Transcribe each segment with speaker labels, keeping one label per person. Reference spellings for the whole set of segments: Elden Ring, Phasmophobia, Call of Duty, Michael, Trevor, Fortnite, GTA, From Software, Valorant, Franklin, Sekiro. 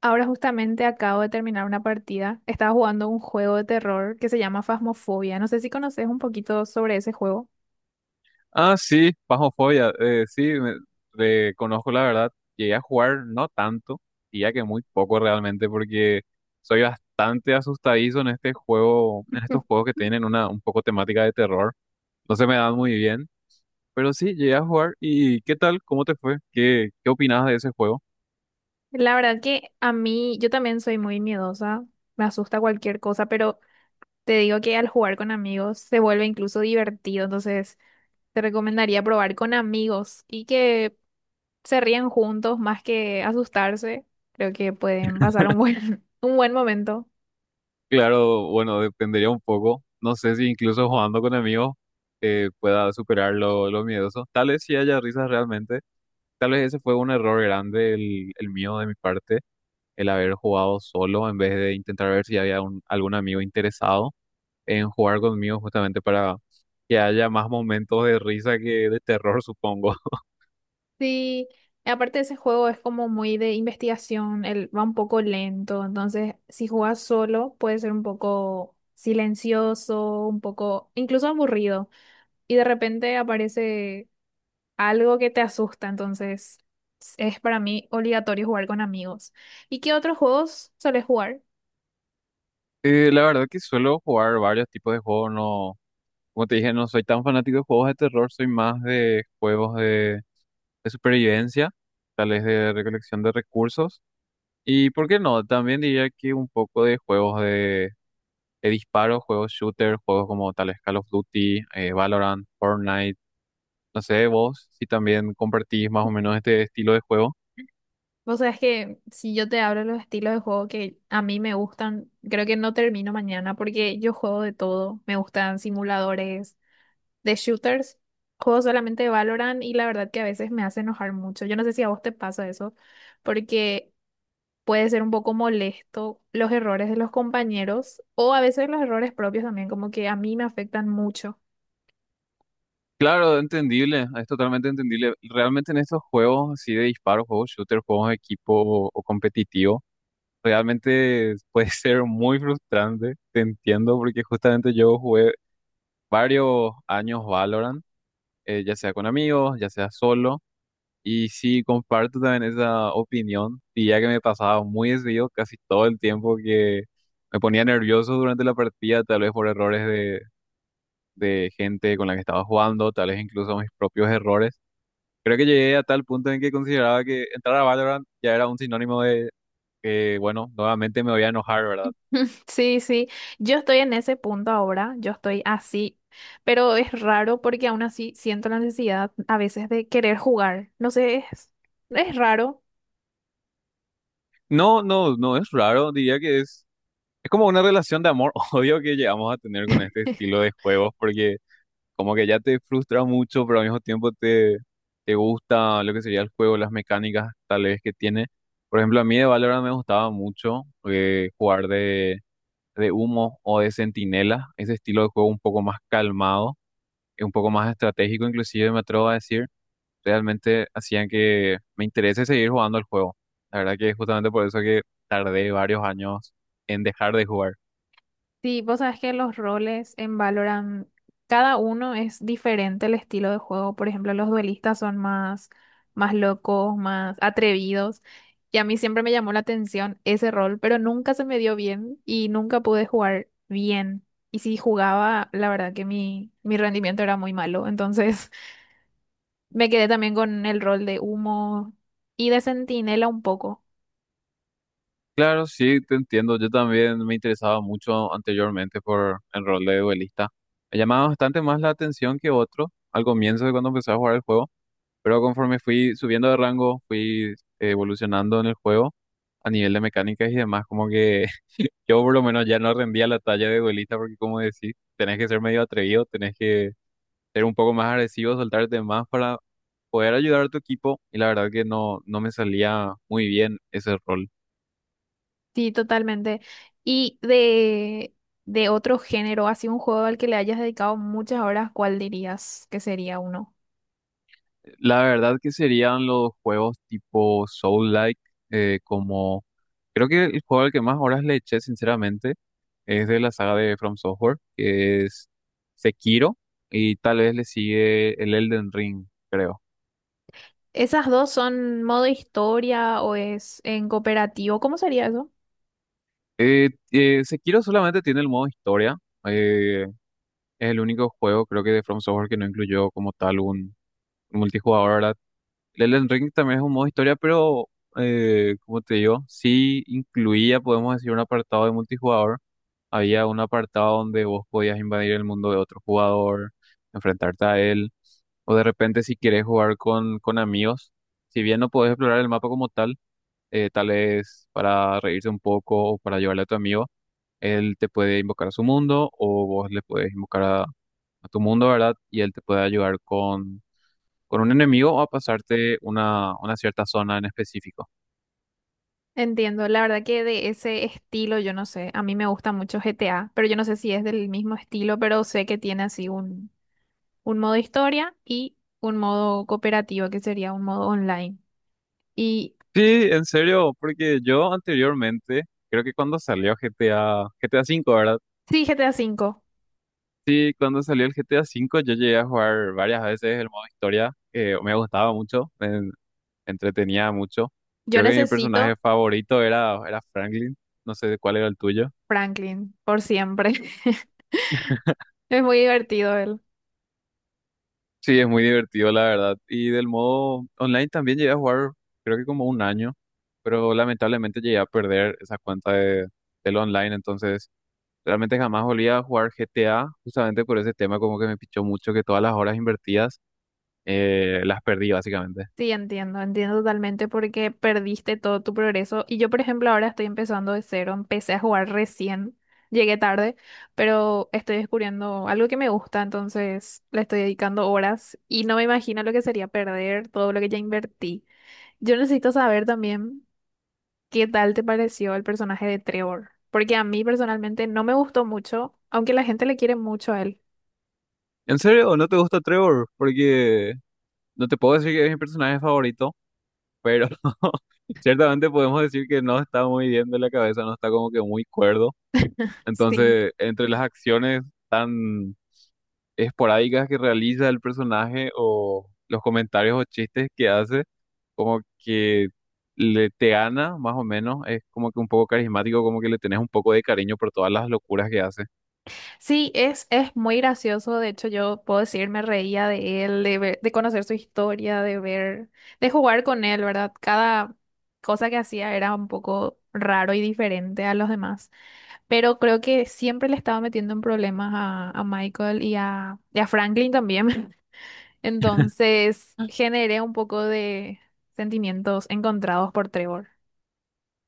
Speaker 1: Ahora justamente acabo de terminar una partida. Estaba jugando un juego de terror que se llama Phasmophobia. No sé si conoces un poquito sobre ese juego.
Speaker 2: Ah, sí, Phasmophobia, sí, le conozco la verdad. Llegué a jugar no tanto, y ya que muy poco realmente, porque soy bastante asustadizo en este juego, en estos juegos que tienen una un poco temática de terror. No se me dan muy bien, pero sí, llegué a jugar. ¿Y qué tal? ¿Cómo te fue? ¿Qué opinabas de ese juego?
Speaker 1: La verdad que a mí, yo también soy muy miedosa, me asusta cualquier cosa, pero te digo que al jugar con amigos se vuelve incluso divertido. Entonces te recomendaría probar con amigos y que se rían juntos más que asustarse. Creo que pueden pasar un buen, un buen momento.
Speaker 2: Claro, bueno, dependería un poco. No sé si incluso jugando con amigos pueda superar lo miedoso. Tal vez sí haya risas realmente. Tal vez ese fue un error grande, el mío de mi parte, el haber jugado solo en vez de intentar ver si había algún amigo interesado en jugar conmigo justamente para que haya más momentos de risa que de terror, supongo.
Speaker 1: Sí, aparte ese juego es como muy de investigación, él va un poco lento, entonces si juegas solo puede ser un poco silencioso, un poco incluso aburrido, y de repente aparece algo que te asusta. Entonces es para mí obligatorio jugar con amigos. ¿Y qué otros juegos sueles jugar?
Speaker 2: La verdad que suelo jugar varios tipos de juegos, no, como te dije, no soy tan fanático de juegos de terror, soy más de juegos de supervivencia, tal vez de recolección de recursos. Y por qué no, también diría que un poco de juegos de disparos, juegos shooter, juegos como tales Call of Duty, Valorant, Fortnite. No sé, vos si también compartís más o menos este estilo de juego.
Speaker 1: Vos sabés que si yo te hablo de los estilos de juego que a mí me gustan, creo que no termino mañana porque yo juego de todo. Me gustan simuladores de shooters, juego solamente de Valorant y la verdad que a veces me hace enojar mucho. Yo no sé si a vos te pasa eso, porque puede ser un poco molesto los errores de los compañeros o a veces los errores propios también, como que a mí me afectan mucho.
Speaker 2: Claro, entendible, es totalmente entendible. Realmente en estos juegos así de disparos, juegos shooter, juegos de equipo o competitivo, realmente puede ser muy frustrante, te entiendo, porque justamente yo jugué varios años Valorant, ya sea con amigos, ya sea solo. Y sí, comparto también esa opinión, y ya que me pasaba muy desvío casi todo el tiempo que me ponía nervioso durante la partida, tal vez por errores de gente con la que estaba jugando, tal vez incluso mis propios errores. Creo que llegué a tal punto en que consideraba que entrar a Valorant ya era un sinónimo de que, bueno, nuevamente me voy a enojar, ¿verdad?
Speaker 1: Sí, sí, yo estoy en ese punto ahora, yo estoy así, pero es raro porque aún así siento la necesidad a veces de querer jugar, no sé, es raro.
Speaker 2: No, no, no es raro, diría que es como una relación de amor-odio que llegamos a tener con este estilo de juegos, porque... Como que ya te frustra mucho, pero al mismo tiempo te gusta lo que sería el juego, las mecánicas tal vez que tiene. Por ejemplo, a mí de Valorant me gustaba mucho jugar de humo o de centinela, ese estilo de juego un poco más calmado, y un poco más estratégico, inclusive me atrevo a decir, realmente hacían que me interese seguir jugando el juego. La verdad que es justamente por eso que tardé varios años en dejar de jugar.
Speaker 1: Sí, vos sabes que los roles en Valorant, cada uno es diferente el estilo de juego. Por ejemplo, los duelistas son más, más locos, más atrevidos. Y a mí siempre me llamó la atención ese rol, pero nunca se me dio bien y nunca pude jugar bien. Y si jugaba, la verdad que mi rendimiento era muy malo. Entonces me quedé también con el rol de humo y de centinela un poco.
Speaker 2: Claro, sí, te entiendo. Yo también me interesaba mucho anteriormente por el rol de duelista. Me llamaba bastante más la atención que otro al comienzo de cuando empecé a jugar el juego, pero conforme fui subiendo de rango, fui evolucionando en el juego a nivel de mecánicas y demás, como que yo por lo menos ya no rendía la talla de duelista porque como decís, tenés que ser medio atrevido, tenés que ser un poco más agresivo, soltarte más para poder ayudar a tu equipo y la verdad que no, no me salía muy bien ese rol.
Speaker 1: Sí, totalmente. Y de otro género, así un juego al que le hayas dedicado muchas horas, ¿cuál dirías que sería uno?
Speaker 2: La verdad que serían los juegos tipo Soul-like, como creo que el juego al que más horas le eché, sinceramente, es de la saga de From Software, que es Sekiro, y tal vez le sigue el Elden Ring, creo.
Speaker 1: ¿Esas dos son modo historia o es en cooperativo? ¿Cómo sería eso?
Speaker 2: Sekiro solamente tiene el modo historia, eh, es el único juego, creo que de From Software que no incluyó como tal un multijugador, ¿verdad? El Elden Ring también es un modo historia, pero como te digo, sí incluía, podemos decir, un apartado de multijugador. Había un apartado donde vos podías invadir el mundo de otro jugador, enfrentarte a él, o de repente si quieres jugar con amigos, si bien no podés explorar el mapa como tal, tal vez para reírse un poco o para llevarle a tu amigo, él te puede invocar a su mundo o vos le puedes invocar a, tu mundo, ¿verdad? Y él te puede ayudar con un enemigo o a pasarte una cierta zona en específico.
Speaker 1: Entiendo, la verdad que de ese estilo yo no sé. A mí me gusta mucho GTA, pero yo no sé si es del mismo estilo, pero sé que tiene así un modo historia y un modo cooperativo, que sería un modo online. Y
Speaker 2: Sí, en serio, porque yo anteriormente, creo que cuando salió GTA 5, ¿verdad?
Speaker 1: sí, GTA 5.
Speaker 2: Sí, cuando salió el GTA 5, yo llegué a jugar varias veces el modo historia, que me gustaba mucho, me entretenía mucho.
Speaker 1: Yo
Speaker 2: Creo que mi personaje
Speaker 1: necesito
Speaker 2: favorito era Franklin, no sé cuál era el tuyo.
Speaker 1: Franklin, por siempre. Es muy divertido él.
Speaker 2: Sí, es muy divertido, la verdad. Y del modo online también llegué a jugar, creo que como un año, pero lamentablemente llegué a perder esa cuenta de, del online, entonces realmente jamás volví a jugar GTA, justamente por ese tema como que me pichó mucho que todas las horas invertidas las perdí básicamente.
Speaker 1: Sí, entiendo, entiendo totalmente porque perdiste todo tu progreso. Y yo, por ejemplo, ahora estoy empezando de cero. Empecé a jugar recién, llegué tarde, pero estoy descubriendo algo que me gusta, entonces le estoy dedicando horas y no me imagino lo que sería perder todo lo que ya invertí. Yo necesito saber también qué tal te pareció el personaje de Trevor, porque a mí personalmente no me gustó mucho, aunque la gente le quiere mucho a él.
Speaker 2: ¿En serio? ¿No te gusta Trevor? Porque no te puedo decir que es mi personaje favorito, pero ciertamente podemos decir que no está muy bien de la cabeza, no está como que muy cuerdo.
Speaker 1: Sí.
Speaker 2: Entonces, entre las acciones... tan esporádicas que realiza el personaje o los comentarios o chistes que hace, como que le te gana más o menos, es como que un poco carismático, como que le tenés un poco de cariño por todas las locuras que hace.
Speaker 1: Sí, es muy gracioso. De hecho, yo puedo decir, me reía de él, de conocer su historia, de ver, de jugar con él, ¿verdad? Cada cosa que hacía era un poco raro y diferente a los demás. Pero creo que siempre le estaba metiendo en problemas a Michael y a Franklin también. Entonces, generé un poco de sentimientos encontrados por Trevor.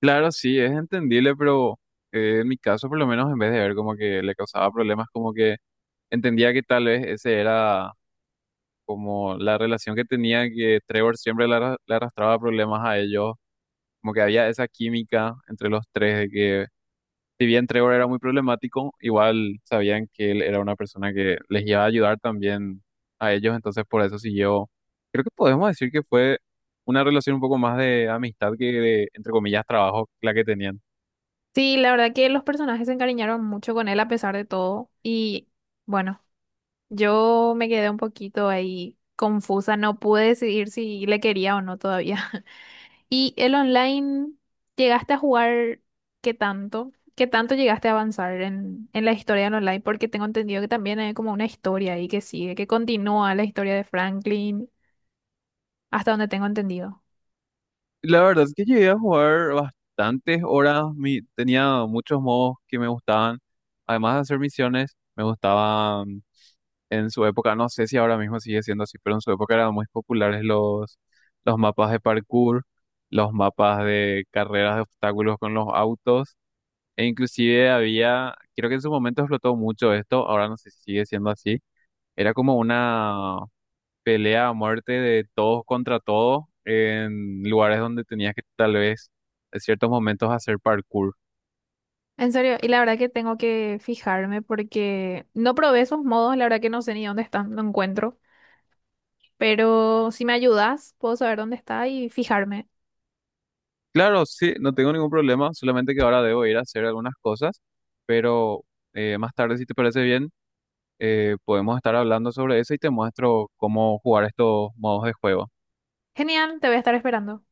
Speaker 2: Claro, sí, es entendible, pero en mi caso por lo menos en vez de ver como que le causaba problemas, como que entendía que tal vez ese era como la relación que tenía, que Trevor siempre le, le arrastraba problemas a ellos, como que había esa química entre los tres de que si bien Trevor era muy problemático, igual sabían que él era una persona que les iba a ayudar también a ellos, entonces por eso siguió. Creo que podemos decir que fue una relación un poco más de amistad que de, entre comillas, trabajo la que tenían.
Speaker 1: Sí, la verdad que los personajes se encariñaron mucho con él a pesar de todo. Y bueno, yo me quedé un poquito ahí confusa, no pude decidir si le quería o no todavía. ¿Y el online, llegaste a jugar qué tanto? ¿Qué tanto llegaste a avanzar en la historia del online? Porque tengo entendido que también hay como una historia ahí que sigue, que continúa la historia de Franklin, hasta donde tengo entendido.
Speaker 2: La verdad es que llegué a jugar bastantes horas, tenía muchos modos que me gustaban, además de hacer misiones, me gustaban. En su época, no sé si ahora mismo sigue siendo así, pero en su época eran muy populares los, mapas de parkour, los mapas de carreras de obstáculos con los autos, e inclusive había, creo que en su momento explotó mucho esto, ahora no sé si sigue siendo así, era como una pelea a muerte de todos contra todos en lugares donde tenías que tal vez en ciertos momentos hacer parkour.
Speaker 1: En serio, y la verdad que tengo que fijarme porque no probé esos modos, la verdad que no sé ni dónde están, no encuentro. Pero si me ayudas, puedo saber dónde está y fijarme.
Speaker 2: Claro, sí, no tengo ningún problema, solamente que ahora debo ir a hacer algunas cosas, pero más tarde, si te parece bien, podemos estar hablando sobre eso y te muestro cómo jugar estos modos de juego.
Speaker 1: Genial, te voy a estar esperando.